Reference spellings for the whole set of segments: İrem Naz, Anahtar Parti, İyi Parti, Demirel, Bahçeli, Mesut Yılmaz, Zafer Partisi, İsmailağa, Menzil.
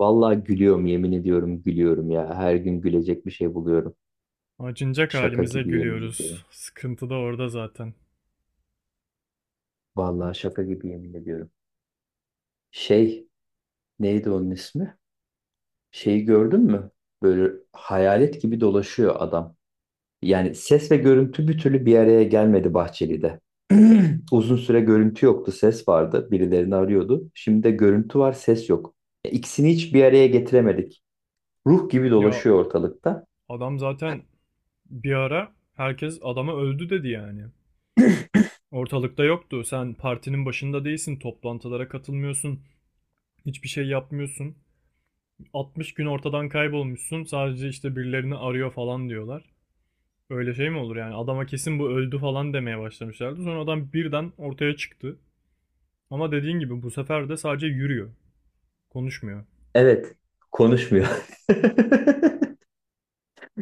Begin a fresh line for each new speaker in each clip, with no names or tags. Vallahi gülüyorum yemin ediyorum gülüyorum ya. Her gün gülecek bir şey buluyorum.
Acınacak
Şaka
halimize
gibi yemin
gülüyoruz.
ediyorum.
Sıkıntı da orada zaten.
Vallahi şaka gibi yemin ediyorum. Şey neydi onun ismi? Şeyi gördün mü? Böyle hayalet gibi dolaşıyor adam. Yani ses ve görüntü bir türlü bir araya gelmedi Bahçeli'de. Uzun süre görüntü yoktu, ses vardı. Birilerini arıyordu. Şimdi de görüntü var, ses yok. İkisini hiç bir araya getiremedik. Ruh gibi
Ya
dolaşıyor ortalıkta.
adam zaten bir ara herkes adama öldü dedi yani. Ortalıkta yoktu. Sen partinin başında değilsin, toplantılara katılmıyorsun, hiçbir şey yapmıyorsun. 60 gün ortadan kaybolmuşsun. Sadece işte birilerini arıyor falan diyorlar. Öyle şey mi olur yani? Adama kesin bu öldü falan demeye başlamışlardı. Sonra adam birden ortaya çıktı. Ama dediğin gibi bu sefer de sadece yürüyor. Konuşmuyor.
Evet, konuşmuyor.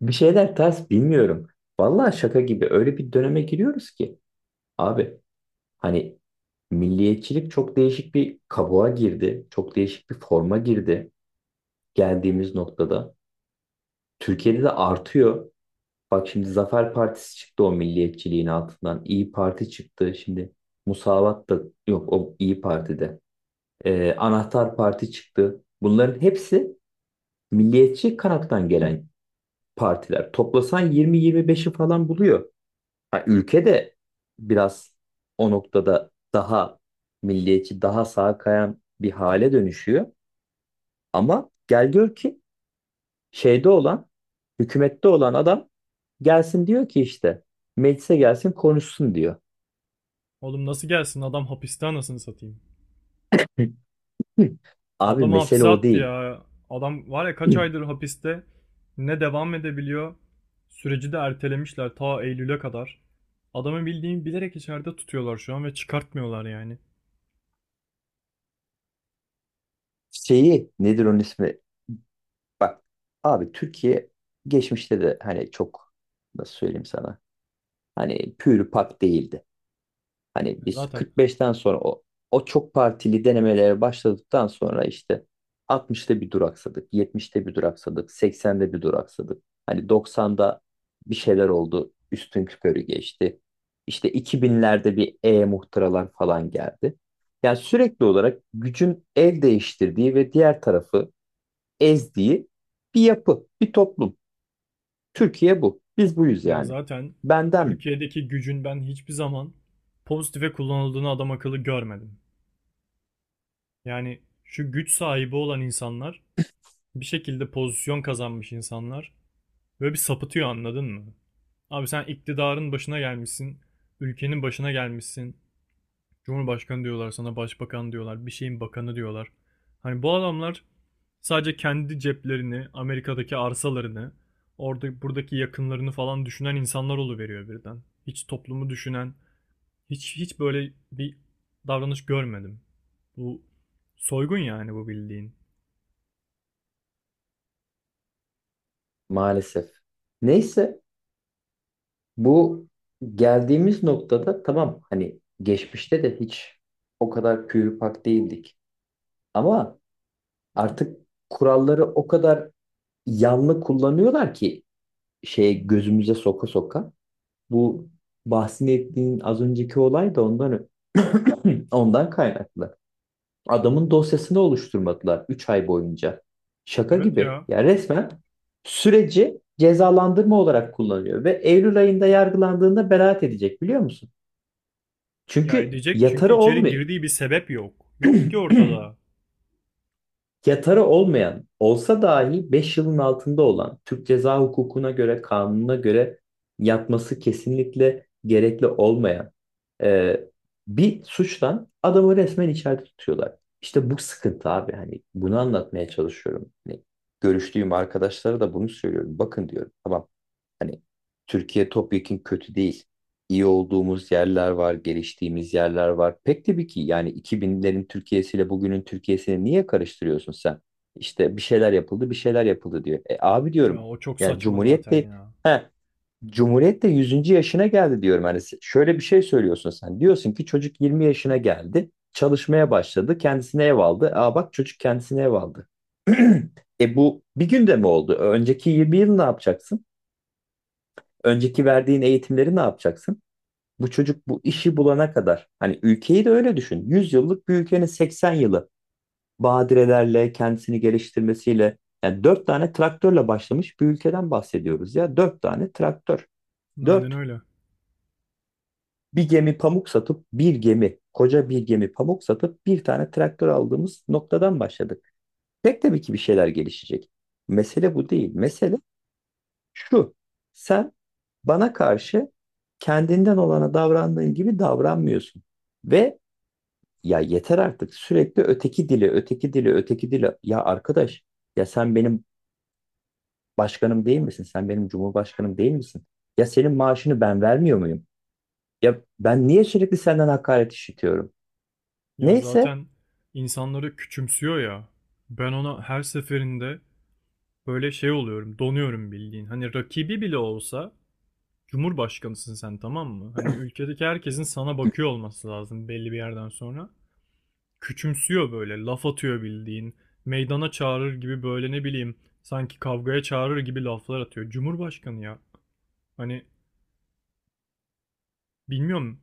Bir şeyler ters, bilmiyorum. Vallahi şaka gibi öyle bir döneme giriyoruz ki. Abi, hani milliyetçilik çok değişik bir kabuğa girdi. Çok değişik bir forma girdi geldiğimiz noktada. Türkiye'de de artıyor. Bak şimdi, Zafer Partisi çıktı o milliyetçiliğin altından. İyi Parti çıktı. Şimdi Musavat da yok o İyi Parti'de. Anahtar Parti çıktı. Bunların hepsi milliyetçi kanattan gelen partiler. Toplasan 20-25'i falan buluyor. Ha, ülke de biraz o noktada daha milliyetçi, daha sağa kayan bir hale dönüşüyor. Ama gel gör ki şeyde olan, hükümette olan adam gelsin diyor ki işte meclise gelsin konuşsun diyor.
Oğlum nasıl gelsin? Adam hapiste anasını satayım.
Hı. Abi,
Adam
mesele
hapse
o
attı
değil.
ya. Adam var ya kaç
Hı.
aydır hapiste ne devam edebiliyor. Süreci de ertelemişler ta Eylül'e kadar. Adamı bildiğin bilerek içeride tutuyorlar şu an ve çıkartmıyorlar yani.
Şeyi nedir onun ismi? Bak abi, Türkiye geçmişte de hani çok, nasıl söyleyeyim sana, hani pür pak değildi. Hani
Ya
biz
Zaten
45'ten sonra o çok partili denemelere başladıktan sonra işte 60'ta bir duraksadık, 70'te bir duraksadık, 80'de bir duraksadık. Hani 90'da bir şeyler oldu, üstün körü geçti. İşte 2000'lerde bir muhtıralar falan geldi. Yani sürekli olarak gücün el değiştirdiği ve diğer tarafı ezdiği bir yapı, bir toplum. Türkiye bu. Biz buyuz
ya
yani.
zaten
Benden mi?
Türkiye'deki gücün ben hiçbir zaman pozitife kullanıldığını adam akıllı görmedim. Yani şu güç sahibi olan insanlar bir şekilde pozisyon kazanmış insanlar. Böyle bir sapıtıyor anladın mı? Abi sen iktidarın başına gelmişsin. Ülkenin başına gelmişsin. Cumhurbaşkanı diyorlar sana, başbakan diyorlar, bir şeyin bakanı diyorlar. Hani bu adamlar sadece kendi ceplerini, Amerika'daki arsalarını, orada buradaki yakınlarını falan düşünen insanlar oluveriyor birden. Hiç toplumu düşünen, hiç böyle bir davranış görmedim. Bu soygun yani bu bildiğin.
Maalesef. Neyse. Bu geldiğimiz noktada tamam, hani geçmişte de hiç o kadar pak değildik. Ama artık kuralları o kadar yanlı kullanıyorlar ki şeye, gözümüze soka soka. Bu bahsini ettiğin az önceki olay da ondan kaynaklı. Adamın dosyasını oluşturmadılar 3 ay boyunca. Şaka
Evet
gibi.
ya.
Ya resmen süreci cezalandırma olarak kullanıyor ve Eylül ayında yargılandığında beraat edecek, biliyor musun?
Ya
Çünkü
edecek çünkü
yatarı
içeri
olmuyor.
girdiği bir sebep yok. Yok ki ortada.
Yatarı olmayan olsa dahi 5 yılın altında olan Türk ceza hukukuna göre, kanununa göre yatması kesinlikle gerekli olmayan e, bir suçtan adamı resmen içeride tutuyorlar. İşte bu sıkıntı abi, hani bunu anlatmaya çalışıyorum. Hani görüştüğüm arkadaşlara da bunu söylüyorum. Bakın diyorum, tamam, hani Türkiye topyekün kötü değil. İyi olduğumuz yerler var, geliştiğimiz yerler var. Pek tabii ki yani, 2000'lerin Türkiye'siyle bugünün Türkiye'sini niye karıştırıyorsun sen? İşte bir şeyler yapıldı, bir şeyler yapıldı diyor. E abi,
Ya
diyorum
o çok
yani
saçma zaten ya.
He, Cumhuriyet de yüzüncü yaşına geldi diyorum. Hani şöyle bir şey söylüyorsun sen. Diyorsun ki çocuk 20 yaşına geldi, çalışmaya başladı, kendisine ev aldı. Aa, bak çocuk kendisine ev aldı. Bu bir günde mi oldu? Önceki 20 yıl ne yapacaksın? Önceki verdiğin eğitimleri ne yapacaksın? Bu çocuk bu işi bulana kadar. Hani ülkeyi de öyle düşün. 100 yıllık bir ülkenin 80 yılı badirelerle, kendisini geliştirmesiyle. Yani 4 tane traktörle başlamış bir ülkeden bahsediyoruz ya. 4 tane traktör.
Aynen
dört
öyle.
Bir gemi pamuk satıp koca bir gemi pamuk satıp bir tane traktör aldığımız noktadan başladık. Pek tabii ki bir şeyler gelişecek. Mesele bu değil. Mesele şu. Sen bana karşı kendinden olana davrandığın gibi davranmıyorsun. Ve ya yeter artık, sürekli öteki dili, öteki dili, öteki dili. Ya arkadaş, ya sen benim başkanım değil misin? Sen benim cumhurbaşkanım değil misin? Ya senin maaşını ben vermiyor muyum? Ya ben niye sürekli senden hakaret işitiyorum?
Ya
Neyse,
zaten insanları küçümsüyor ya. Ben ona her seferinde böyle şey oluyorum, donuyorum bildiğin. Hani rakibi bile olsa Cumhurbaşkanısın sen, tamam mı? Hani ülkedeki herkesin sana bakıyor olması lazım belli bir yerden sonra. Küçümsüyor böyle, laf atıyor bildiğin. Meydana çağırır gibi böyle ne bileyim, sanki kavgaya çağırır gibi laflar atıyor. Cumhurbaşkanı ya. Hani bilmiyorum.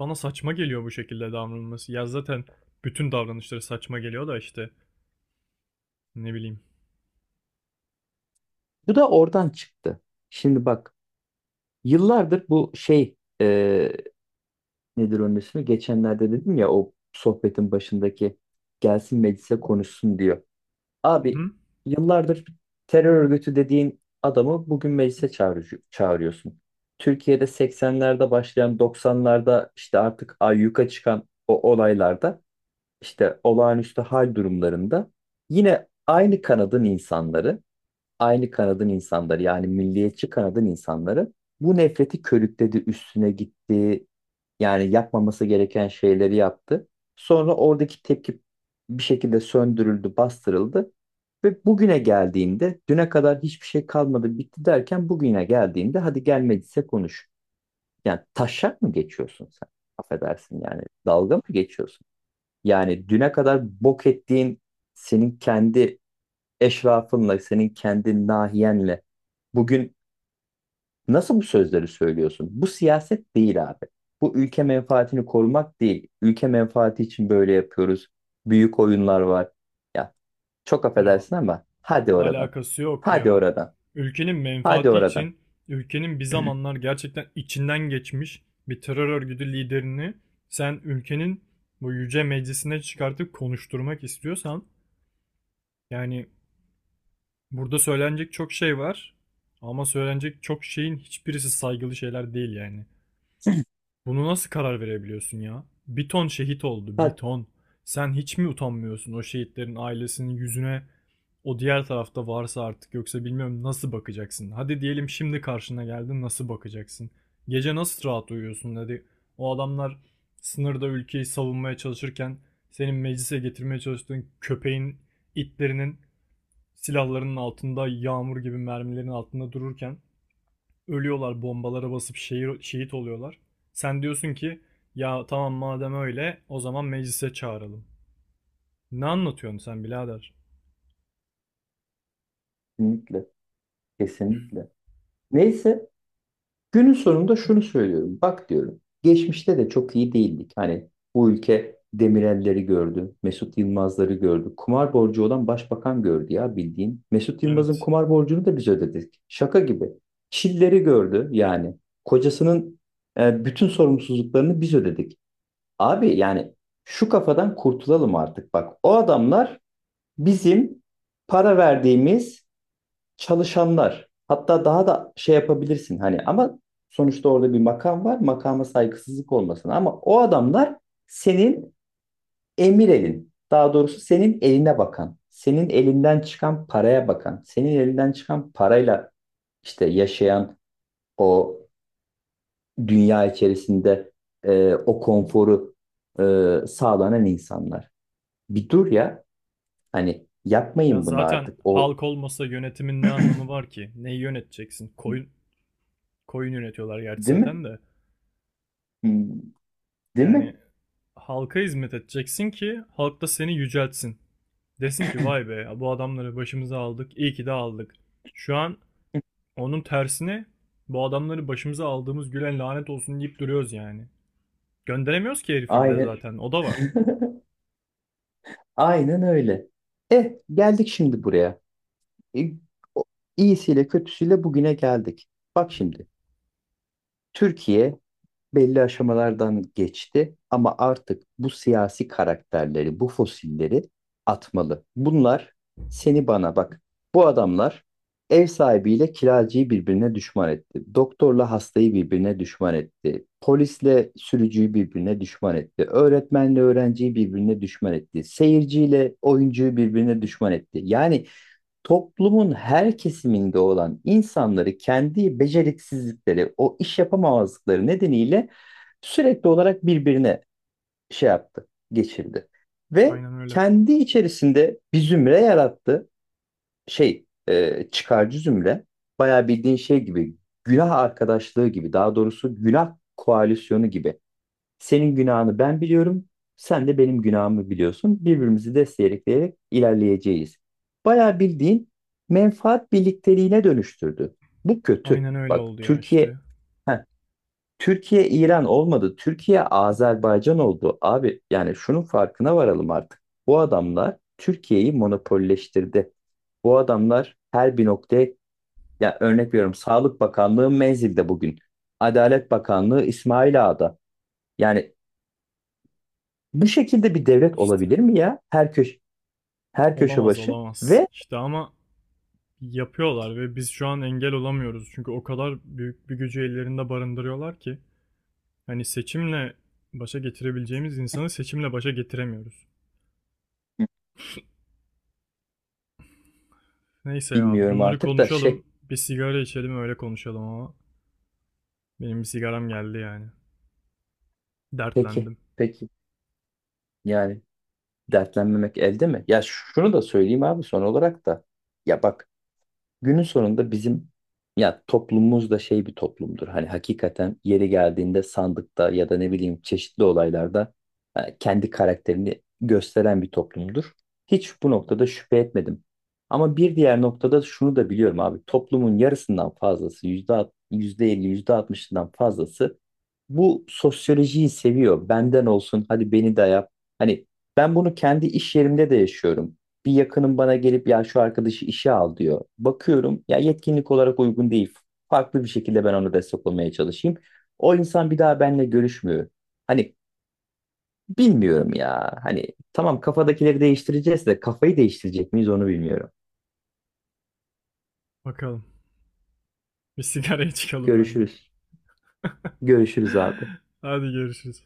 Bana saçma geliyor bu şekilde davranılması. Ya zaten bütün davranışları saçma geliyor da işte ne bileyim.
bu da oradan çıktı. Şimdi bak, yıllardır bu şey, nedir onun ismi? Geçenlerde dedim ya, o sohbetin başındaki gelsin meclise konuşsun diyor.
Hı
Abi,
hı.
yıllardır terör örgütü dediğin adamı bugün meclise çağırıyorsun. Türkiye'de 80'lerde başlayan, 90'larda işte artık ayyuka çıkan o olaylarda, işte olağanüstü hal durumlarında yine aynı kanadın insanları, aynı kanadın insanları, yani milliyetçi kanadın insanları bu nefreti körükledi, üstüne gitti. Yani yapmaması gereken şeyleri yaptı. Sonra oradaki tepki bir şekilde söndürüldü, bastırıldı. Ve bugüne geldiğinde, düne kadar hiçbir şey kalmadı, bitti derken, bugüne geldiğinde hadi gelmediyse konuş. Yani taşak mı geçiyorsun sen? Affedersin yani, dalga mı geçiyorsun? Yani düne kadar bok ettiğin senin kendi eşrafınla, senin kendi nahiyenle bugün nasıl bu sözleri söylüyorsun? Bu siyaset değil abi. Bu ülke menfaatini korumak değil. Ülke menfaati için böyle yapıyoruz. Büyük oyunlar var. Ya çok
Ya
affedersin ama hadi oradan.
alakası yok
Hadi
ya.
oradan.
Ülkenin
Hadi
menfaati
oradan.
için ülkenin bir zamanlar gerçekten içinden geçmiş bir terör örgütü liderini sen ülkenin bu yüce meclisine çıkartıp konuşturmak istiyorsan yani burada söylenecek çok şey var ama söylenecek çok şeyin hiçbirisi saygılı şeyler değil yani. Bunu nasıl karar verebiliyorsun ya? Bir ton şehit oldu, bir
Hadi.
ton. Sen hiç mi utanmıyorsun o şehitlerin ailesinin yüzüne? O diğer tarafta varsa artık yoksa bilmiyorum nasıl bakacaksın? Hadi diyelim şimdi karşına geldi nasıl bakacaksın? Gece nasıl rahat uyuyorsun? Hadi o adamlar sınırda ülkeyi savunmaya çalışırken senin meclise getirmeye çalıştığın köpeğin, itlerinin silahlarının altında, yağmur gibi mermilerin altında dururken ölüyorlar bombalara basıp şehir, şehit oluyorlar. Sen diyorsun ki ya tamam madem öyle o zaman meclise çağıralım. Ne anlatıyorsun sen birader?
Kesinlikle. Kesinlikle. Neyse. Günün sonunda şunu söylüyorum. Bak diyorum. Geçmişte de çok iyi değildik. Hani bu ülke Demirel'leri gördü. Mesut Yılmaz'ları gördü. Kumar borcu olan başbakan gördü ya bildiğin. Mesut Yılmaz'ın
Evet.
kumar borcunu da biz ödedik. Şaka gibi. Çilleri gördü yani. Kocasının bütün sorumsuzluklarını biz ödedik. Abi yani şu kafadan kurtulalım artık. Bak, o adamlar bizim para verdiğimiz çalışanlar. Hatta daha da şey yapabilirsin hani, ama sonuçta orada bir makam var. Makama saygısızlık olmasın ama o adamlar senin emir elin. Daha doğrusu, senin eline bakan, senin elinden çıkan paraya bakan, senin elinden çıkan parayla işte yaşayan, o dünya içerisinde o konforu sağlanan insanlar. Bir dur ya, hani
Ya
yapmayın bunu
zaten
artık. O
halk olmasa yönetimin ne anlamı var ki? Neyi yöneteceksin? Koyun, koyun yönetiyorlar gerçi
değil mi?
zaten de.
Hmm, değil
Yani
mi?
halka hizmet edeceksin ki halk da seni yüceltsin. Desin ki vay be bu adamları başımıza aldık iyi ki de aldık. Şu an onun tersine bu adamları başımıza aldığımız gülen lanet olsun deyip duruyoruz yani. Gönderemiyoruz ki herifi bir de
Aynen.
zaten. O da var.
Aynen öyle. E geldik şimdi buraya. E, o- iyisiyle kötüsüyle bugüne geldik. Bak şimdi. Türkiye belli aşamalardan geçti ama artık bu siyasi karakterleri, bu fosilleri atmalı. Bunlar, seni bana bak. Bu adamlar ev sahibiyle kiracıyı birbirine düşman etti. Doktorla hastayı birbirine düşman etti. Polisle sürücüyü birbirine düşman etti. Öğretmenle öğrenciyi birbirine düşman etti. Seyirciyle oyuncuyu birbirine düşman etti. Yani toplumun her kesiminde olan insanları kendi beceriksizlikleri, o iş yapamamazlıkları nedeniyle sürekli olarak birbirine şey yaptı, geçirdi. Ve
Aynen öyle.
kendi içerisinde bir zümre yarattı. Çıkarcı zümre. Bayağı bildiğin şey gibi, günah arkadaşlığı gibi, daha doğrusu günah koalisyonu gibi. Senin günahını ben biliyorum, sen de benim günahımı biliyorsun. Birbirimizi destekleyerek ilerleyeceğiz. Bayağı bildiğin menfaat birlikteliğine dönüştürdü. Bu kötü.
Aynen öyle
Bak,
oldu ya işte.
Heh, Türkiye İran olmadı. Türkiye Azerbaycan oldu. Abi yani şunun farkına varalım artık. Bu adamlar Türkiye'yi monopolleştirdi. Bu adamlar her bir noktaya, ya örnek veriyorum, Sağlık Bakanlığı Menzil'de bugün. Adalet Bakanlığı İsmailağa'da. Yani bu şekilde bir devlet
İşte.
olabilir mi ya? Her köşe, her köşe
Olamaz
başı
olamaz.
ve
İşte ama yapıyorlar ve biz şu an engel olamıyoruz. Çünkü o kadar büyük bir gücü ellerinde barındırıyorlar ki. Hani seçimle başa getirebileceğimiz insanı seçimle başa getiremiyoruz. Neyse ya
bilmiyorum
bunları
artık da
konuşalım.
şey.
Bir sigara içelim öyle konuşalım ama. Benim bir sigaram geldi yani.
Peki,
Dertlendim.
peki. Yani dertlenmemek elde mi? Ya şunu da söyleyeyim abi son olarak da. Ya bak, günün sonunda bizim ya toplumumuz da şey bir toplumdur. Hani hakikaten yeri geldiğinde sandıkta ya da ne bileyim çeşitli olaylarda kendi karakterini gösteren bir toplumdur. Hiç bu noktada şüphe etmedim. Ama bir diğer noktada şunu da biliyorum abi. Toplumun yarısından fazlası, yüzde elli, yüzde altmışından fazlası bu sosyolojiyi seviyor. Benden olsun, hadi beni de yap. Hani ben bunu kendi iş yerimde de yaşıyorum. Bir yakınım bana gelip ya şu arkadaşı işe al diyor. Bakıyorum, ya yetkinlik olarak uygun değil. Farklı bir şekilde ben ona destek olmaya çalışayım. O insan bir daha benimle görüşmüyor. Hani bilmiyorum ya. Hani tamam, kafadakileri değiştireceğiz de kafayı değiştirecek miyiz, onu bilmiyorum.
Bakalım. Bir sigaraya çıkalım bence.
Görüşürüz. Görüşürüz abi.
Hadi görüşürüz.